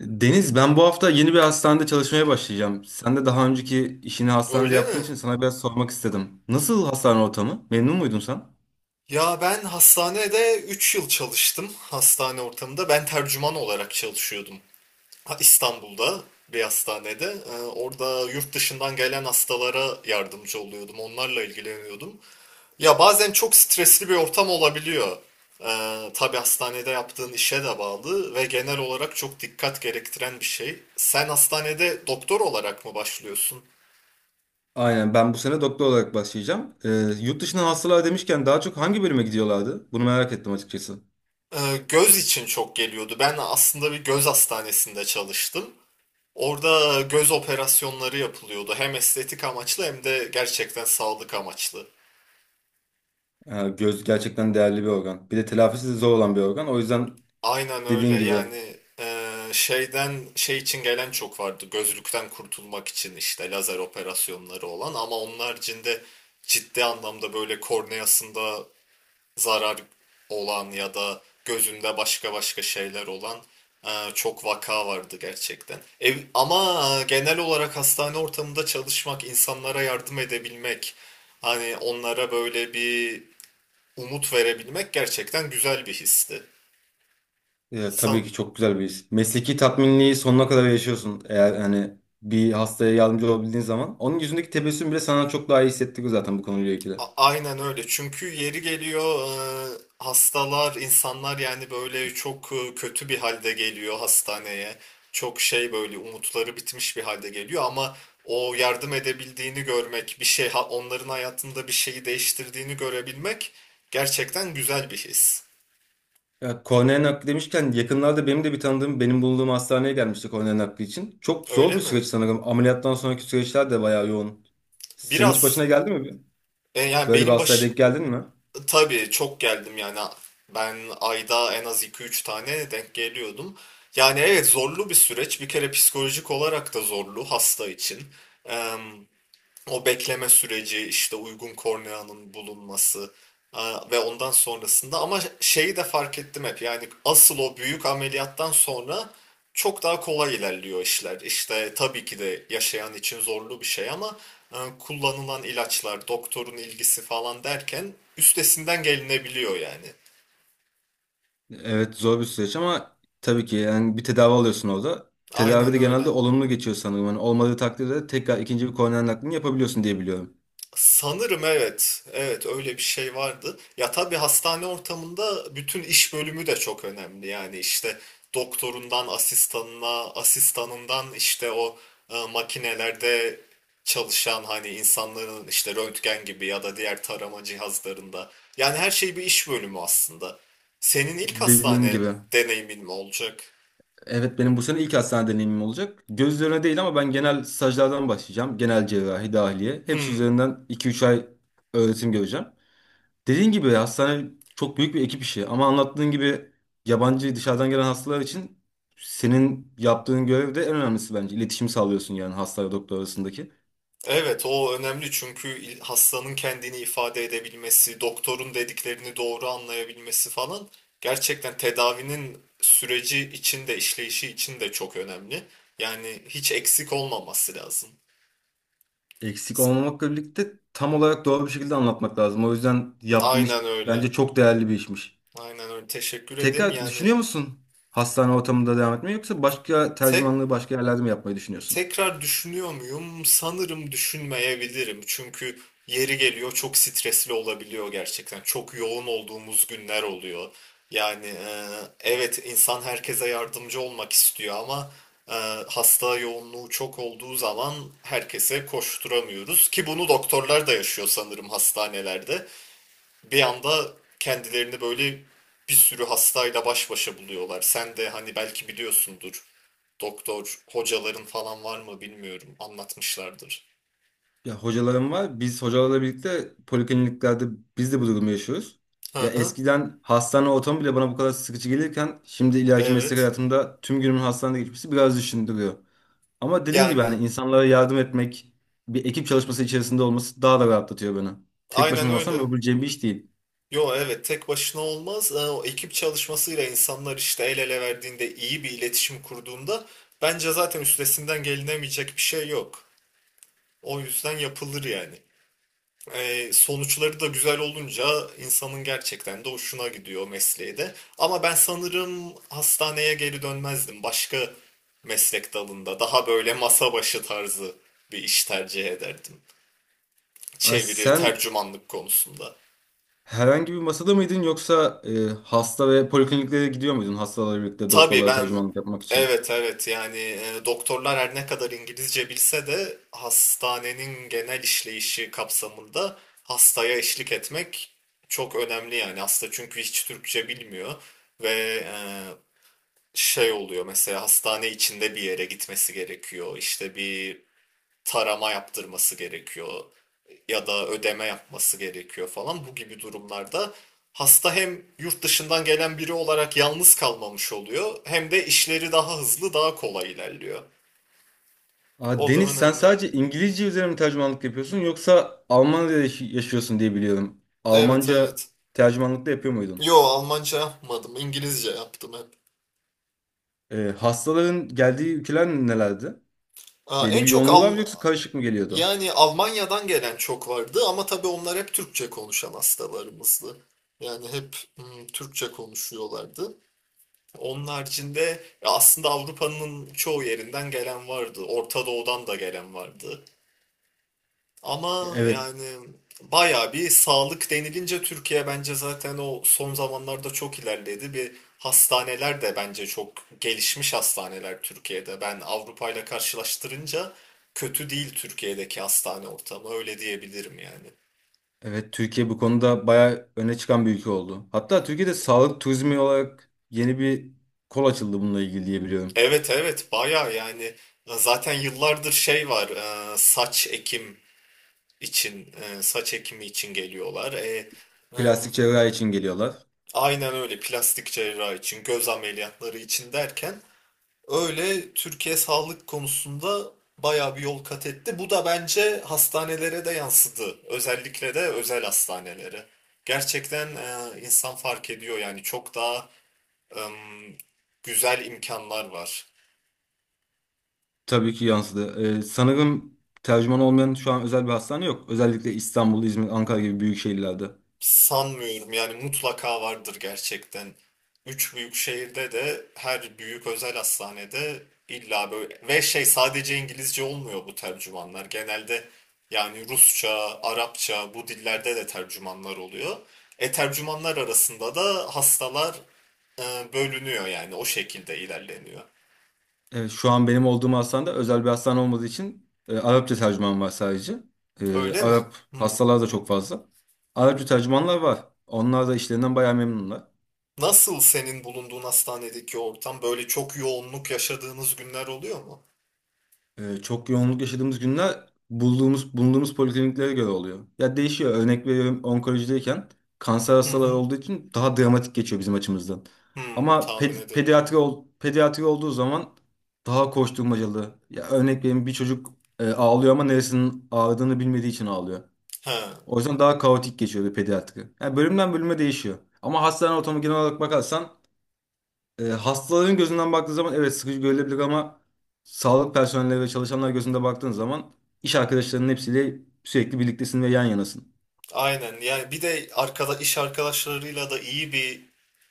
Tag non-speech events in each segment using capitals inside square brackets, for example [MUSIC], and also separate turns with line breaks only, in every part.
Deniz, ben bu hafta yeni bir hastanede çalışmaya başlayacağım. Sen de daha önceki işini hastanede
Öyle
yaptığın
mi?
için sana biraz sormak istedim. Nasıl hastane ortamı? Memnun muydun sen?
Ya ben hastanede 3 yıl çalıştım. Hastane ortamında. Ben tercüman olarak çalışıyordum. Ha, İstanbul'da bir hastanede. Orada yurt dışından gelen hastalara yardımcı oluyordum. Onlarla ilgileniyordum. Ya bazen çok stresli bir ortam olabiliyor. Tabii hastanede yaptığın işe de bağlı ve genel olarak çok dikkat gerektiren bir şey. Sen hastanede doktor olarak mı başlıyorsun?
Aynen, ben bu sene doktor olarak başlayacağım. Yurt dışına hastalar demişken daha çok hangi bölüme gidiyorlardı? Bunu merak ettim açıkçası.
Göz için çok geliyordu. Ben aslında bir göz hastanesinde çalıştım. Orada göz operasyonları yapılıyordu. Hem estetik amaçlı hem de gerçekten sağlık amaçlı.
Ha, göz gerçekten değerli bir organ. Bir de telafisi de zor olan bir organ. O yüzden
Aynen öyle.
dediğin gibi.
Yani şeyden şey için gelen çok vardı. Gözlükten kurtulmak için işte lazer operasyonları olan ama onun haricinde ciddi anlamda böyle korneasında zarar olan ya da gözünde başka başka şeyler olan e, çok vaka vardı gerçekten. Ama genel olarak hastane ortamında çalışmak, insanlara yardım edebilmek, hani onlara böyle bir umut verebilmek gerçekten güzel bir histi.
Tabii
Sa-
ki çok güzel bir his. Mesleki tatminliği sonuna kadar yaşıyorsun. Eğer hani bir hastaya yardımcı olabildiğin zaman. Onun yüzündeki tebessüm bile sana çok daha iyi hissettiriyor zaten bu konuyla ilgili.
Aynen öyle. Çünkü yeri geliyor hastalar, insanlar yani böyle çok kötü bir halde geliyor hastaneye. Çok şey böyle umutları bitmiş bir halde geliyor ama o yardım edebildiğini görmek, bir şey onların hayatında bir şeyi değiştirdiğini görebilmek gerçekten güzel bir his.
Ya kornea nakli demişken yakınlarda benim de bir tanıdığım benim bulunduğum hastaneye gelmişti kornea nakli için. Çok zor
Öyle
bir
mi?
süreç sanırım. Ameliyattan sonraki süreçler de bayağı yoğun. Senin hiç
Biraz
başına geldi mi?
yani
Böyle bir
benim
hastaya denk
baş
geldin mi?
Tabii çok geldim yani ben ayda en az iki üç tane denk geliyordum. Yani evet zorlu bir süreç bir kere psikolojik olarak da zorlu hasta için. O bekleme süreci, işte uygun korneanın bulunması ve ondan sonrasında ama şeyi de fark ettim hep yani asıl o büyük ameliyattan sonra çok daha kolay ilerliyor işler. İşte tabii ki de yaşayan için zorlu bir şey ama kullanılan ilaçlar, doktorun ilgisi falan derken üstesinden gelinebiliyor yani.
Evet, zor bir süreç ama tabii ki yani bir tedavi alıyorsun orada. Tedavi
Aynen
de genelde
öyle.
olumlu geçiyor sanırım. Yani olmadığı takdirde tekrar ikinci bir kornea naklini yapabiliyorsun diye biliyorum.
Sanırım evet. Evet öyle bir şey vardı. Ya tabii hastane ortamında bütün iş bölümü de çok önemli. Yani işte doktorundan asistanına, asistanından işte o makinelerde çalışan hani insanların işte röntgen gibi ya da diğer tarama cihazlarında. Yani her şey bir iş bölümü aslında. Senin ilk
Dediğin
hastane
gibi.
deneyimin mi olacak?
Evet, benim bu sene ilk hastane deneyimim olacak. Göz üzerine değil ama ben genel stajlardan başlayacağım. Genel cerrahi, dahiliye. Hepsi
Hmm.
üzerinden iki üç ay öğretim göreceğim. Dediğin gibi hastane çok büyük bir ekip işi. Ama anlattığın gibi yabancı dışarıdan gelen hastalar için senin yaptığın görev de en önemlisi bence. İletişim sağlıyorsun yani hasta ve doktor arasındaki.
Evet, o önemli çünkü hastanın kendini ifade edebilmesi, doktorun dediklerini doğru anlayabilmesi falan gerçekten tedavinin süreci için de işleyişi için de çok önemli. Yani hiç eksik olmaması lazım.
Eksik olmamakla birlikte tam olarak doğru bir şekilde anlatmak lazım. O yüzden yaptığın iş
Aynen öyle.
bence çok değerli bir işmiş.
Aynen öyle. Teşekkür ederim.
Tekrar
Yani
düşünüyor musun hastane ortamında devam etmeyi yoksa başka
tek
tercümanlığı başka yerlerde mi yapmayı düşünüyorsun?
Tekrar düşünüyor muyum? Sanırım düşünmeyebilirim. Çünkü yeri geliyor çok stresli olabiliyor gerçekten. Çok yoğun olduğumuz günler oluyor. Yani evet insan herkese yardımcı olmak istiyor ama e, hasta yoğunluğu çok olduğu zaman herkese koşturamıyoruz. Ki bunu doktorlar da yaşıyor sanırım hastanelerde. Bir anda kendilerini böyle bir sürü hastayla baş başa buluyorlar. Sen de hani belki biliyorsundur doktor hocaların falan var mı bilmiyorum. Anlatmışlardır.
Ya hocalarım var. Biz hocalarla birlikte polikliniklerde biz de bu durumu yaşıyoruz.
Hı
Ya
hı.
eskiden hastane ortamı bile bana bu kadar sıkıcı gelirken şimdi ileriki meslek
Evet.
hayatımda tüm günümün hastanede geçmesi biraz düşündürüyor. Ama dediğim gibi
Yani
hani insanlara yardım etmek, bir ekip çalışması içerisinde olması daha da rahatlatıyor beni. Tek
aynen
başıma olsam
öyle.
yapabileceğim bir iş değil.
Yo evet tek başına olmaz. O ekip çalışmasıyla insanlar işte el ele verdiğinde iyi bir iletişim kurduğunda bence zaten üstesinden gelinemeyecek bir şey yok. O yüzden yapılır yani. Sonuçları da güzel olunca insanın gerçekten de hoşuna gidiyor mesleği de. Ama ben sanırım hastaneye geri dönmezdim. Başka meslek dalında daha böyle masa başı tarzı bir iş tercih ederdim.
Ay
Çeviri,
sen,
tercümanlık konusunda.
herhangi bir masada mıydın yoksa hasta ve polikliniklere gidiyor muydun hastalarla birlikte
Tabii
doktorlara
ben
tercümanlık yapmak için?
evet evet yani doktorlar her ne kadar İngilizce bilse de hastanenin genel işleyişi kapsamında hastaya eşlik etmek çok önemli yani hasta çünkü hiç Türkçe bilmiyor ve e, şey oluyor mesela hastane içinde bir yere gitmesi gerekiyor işte bir tarama yaptırması gerekiyor ya da ödeme yapması gerekiyor falan. Bu gibi durumlarda hasta hem yurt dışından gelen biri olarak yalnız kalmamış oluyor hem de işleri daha hızlı, daha kolay ilerliyor.
Aa,
O da
Deniz, sen
önemli.
sadece İngilizce üzerine mi tercümanlık yapıyorsun yoksa Almanya'da yaşıyorsun diye biliyorum.
Evet
Almanca
evet.
tercümanlık da yapıyor muydun?
Yo Almanca yapmadım. İngilizce yaptım hep.
Hastaların geldiği ülkeler nelerdi?
Aa,
Belli
en
bir
çok
yoğunluğu var mı yoksa karışık mı geliyordu?
Yani Almanya'dan gelen çok vardı ama tabii onlar hep Türkçe konuşan hastalarımızdı. Yani hep Türkçe konuşuyorlardı. Onun haricinde aslında Avrupa'nın çoğu yerinden gelen vardı. Orta Doğu'dan da gelen vardı. Ama
Evet,
yani bayağı bir sağlık denilince Türkiye bence zaten o son zamanlarda çok ilerledi. Bir hastaneler de bence çok gelişmiş hastaneler Türkiye'de. Ben Avrupa ile karşılaştırınca kötü değil Türkiye'deki hastane ortamı öyle diyebilirim yani.
evet, Türkiye bu konuda bayağı öne çıkan bir ülke oldu. Hatta Türkiye'de sağlık turizmi olarak yeni bir kol açıldı bununla ilgili diye biliyorum.
Evet evet bayağı yani zaten yıllardır şey var saç ekimi için geliyorlar. Im,
Plastik cerrahi için geliyorlar.
aynen öyle plastik cerrahi için, göz ameliyatları için derken öyle Türkiye sağlık konusunda bayağı bir yol kat etti. Bu da bence hastanelere de yansıdı. Özellikle de özel hastanelere. Gerçekten insan fark ediyor yani çok daha ım, güzel imkanlar var.
Tabii ki yansıdı. Sanırım tercüman olmayan şu an özel bir hastane yok. Özellikle İstanbul, İzmir, Ankara gibi büyük şehirlerde.
Sanmıyorum yani mutlaka vardır gerçekten. Üç büyük şehirde de her büyük özel hastanede illa böyle ve şey sadece İngilizce olmuyor bu tercümanlar. Genelde yani Rusça, Arapça bu dillerde de tercümanlar oluyor. Tercümanlar arasında da hastalar bölünüyor yani o şekilde ilerleniyor.
Evet, şu an benim olduğum hastanede özel bir hastane olmadığı için Arapça tercüman var sadece. E,
Öyle mi?
Arap
Hmm.
hastalar da çok fazla. Arapça tercümanlar var. Onlar da işlerinden bayağı memnunlar.
Nasıl senin bulunduğun hastanedeki ortam böyle çok yoğunluk yaşadığınız günler oluyor mu?
Çok yoğunluk yaşadığımız günler bulunduğumuz polikliniklere göre oluyor. Ya değişiyor. Örnek veriyorum, onkolojideyken kanser
Hı
hastaları
hı.
olduğu için daha dramatik geçiyor bizim açımızdan.
Hmm,
Ama
tahmin
ped- pediatri
edebiliyorum.
ol- pediatri olduğu zaman daha koşturmacalı. Ya örnek veriyorum, bir çocuk ağlıyor ama neresinin ağrıdığını bilmediği için ağlıyor.
Ha,
O yüzden daha kaotik geçiyor bir pediatri. Yani bölümden bölüme değişiyor. Ama hastane ortamı genel olarak bakarsan hastaların gözünden baktığı zaman evet sıkıcı görülebilir ama sağlık personeli ve çalışanlar gözünde baktığın zaman iş arkadaşlarının hepsiyle sürekli birliktesin ve yan yanasın.
aynen. Yani bir de arkada iş arkadaşlarıyla da iyi bir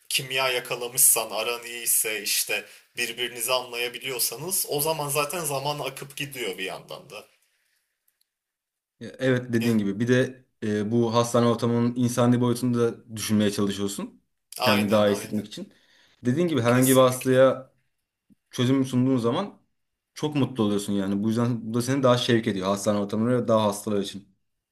kimya yakalamışsan, aran iyiyse işte birbirinizi anlayabiliyorsanız o zaman zaten zaman akıp gidiyor bir yandan da.
Evet, dediğin
Yani,
gibi bir de bu hastane ortamının insani boyutunu da düşünmeye çalışıyorsun. Kendini
aynen
daha iyi
aynen.
hissetmek için. Dediğin gibi, herhangi bir
Kesinlikle.
hastaya çözüm sunduğun zaman çok mutlu oluyorsun yani. Bu yüzden bu da seni daha şevk ediyor hastane ortamları ve daha hastalar için.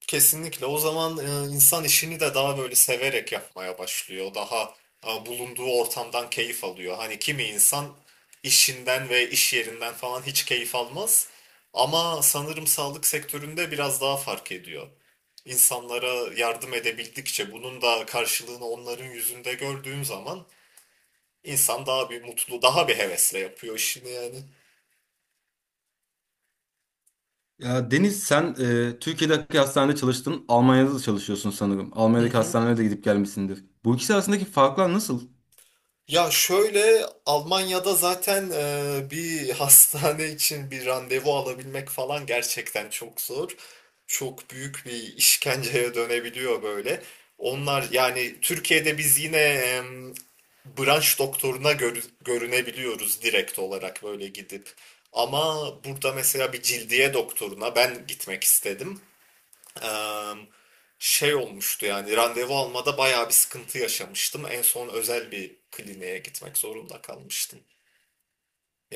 Kesinlikle. O zaman insan işini de daha böyle severek yapmaya başlıyor. Daha bulunduğu ortamdan keyif alıyor. Hani kimi insan işinden ve iş yerinden falan hiç keyif almaz. Ama sanırım sağlık sektöründe biraz daha fark ediyor. İnsanlara yardım edebildikçe bunun da karşılığını onların yüzünde gördüğüm zaman insan daha bir mutlu, daha bir hevesle yapıyor işini yani.
Ya Deniz, sen Türkiye'deki hastanede çalıştın, Almanya'da da çalışıyorsun sanırım.
Hı
Almanya'daki
hı.
hastanelere de gidip gelmişsindir. Bu ikisi arasındaki farklar nasıl?
Ya şöyle Almanya'da zaten bir [LAUGHS] hastane için bir randevu alabilmek falan gerçekten çok zor. Çok büyük bir işkenceye dönebiliyor böyle. Onlar yani Türkiye'de biz yine branş doktoruna görünebiliyoruz direkt olarak böyle gidip. Ama burada mesela bir cildiye doktoruna ben gitmek istedim şey olmuştu yani randevu almada bayağı bir sıkıntı yaşamıştım. En son özel bir kliniğe gitmek zorunda kalmıştım.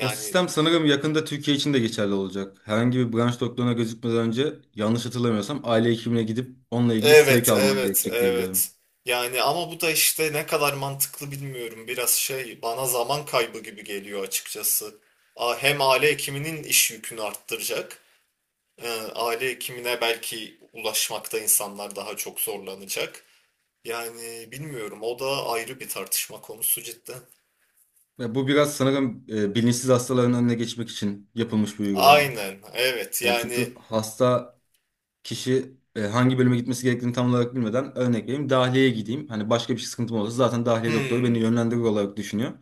O sistem sanırım yakında Türkiye için de geçerli olacak. Herhangi bir branş doktoruna gözükmeden önce, yanlış hatırlamıyorsam, aile hekimine gidip onunla ilgili sevk
evet
alman
evet
gerekecek diye biliyorum.
evet. Yani ama bu da işte ne kadar mantıklı bilmiyorum. Biraz şey bana zaman kaybı gibi geliyor açıkçası. Hem aile hekiminin iş yükünü arttıracak. e, Aile hekimine belki ulaşmakta insanlar daha çok zorlanacak. Yani bilmiyorum o da ayrı bir tartışma konusu cidden.
Ve bu biraz sanırım bilinçsiz hastaların önüne geçmek için yapılmış bir uygulama.
Aynen evet
E, çünkü hasta kişi hangi bölüme gitmesi gerektiğini tam olarak bilmeden, örnek vereyim, dahiliyeye gideyim. Hani başka bir şey sıkıntım olursa zaten dahiliye doktoru beni
Hmm.
yönlendirir olarak düşünüyor.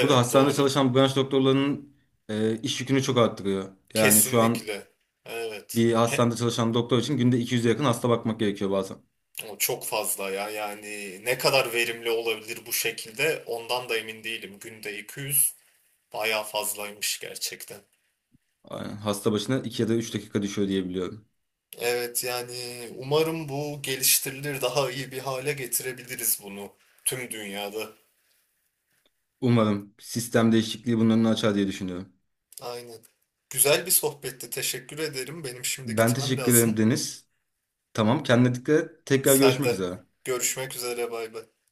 Bu da hastanede
doğru.
çalışan branş doktorlarının iş yükünü çok arttırıyor. Yani şu an
Kesinlikle. Evet.
bir
He-
hastanede çalışan doktor için günde 200'e yakın hasta bakmak gerekiyor bazen.
o çok fazla ya. Yani ne kadar verimli olabilir bu şekilde ondan da emin değilim. Günde 200 bayağı fazlaymış gerçekten.
Aynen. Hasta başına 2 ya da 3 dakika düşüyor diye biliyorum.
Evet yani umarım bu geliştirilir daha iyi bir hale getirebiliriz bunu tüm dünyada.
Umarım sistem değişikliği bunun önünü açar diye düşünüyorum.
Aynen. Güzel bir sohbetti. Teşekkür ederim. Benim şimdi
Ben
gitmem
teşekkür
lazım.
ederim Deniz. Tamam, kendine dikkat et. Tekrar
Sen
görüşmek
de
üzere.
görüşmek üzere bay bay.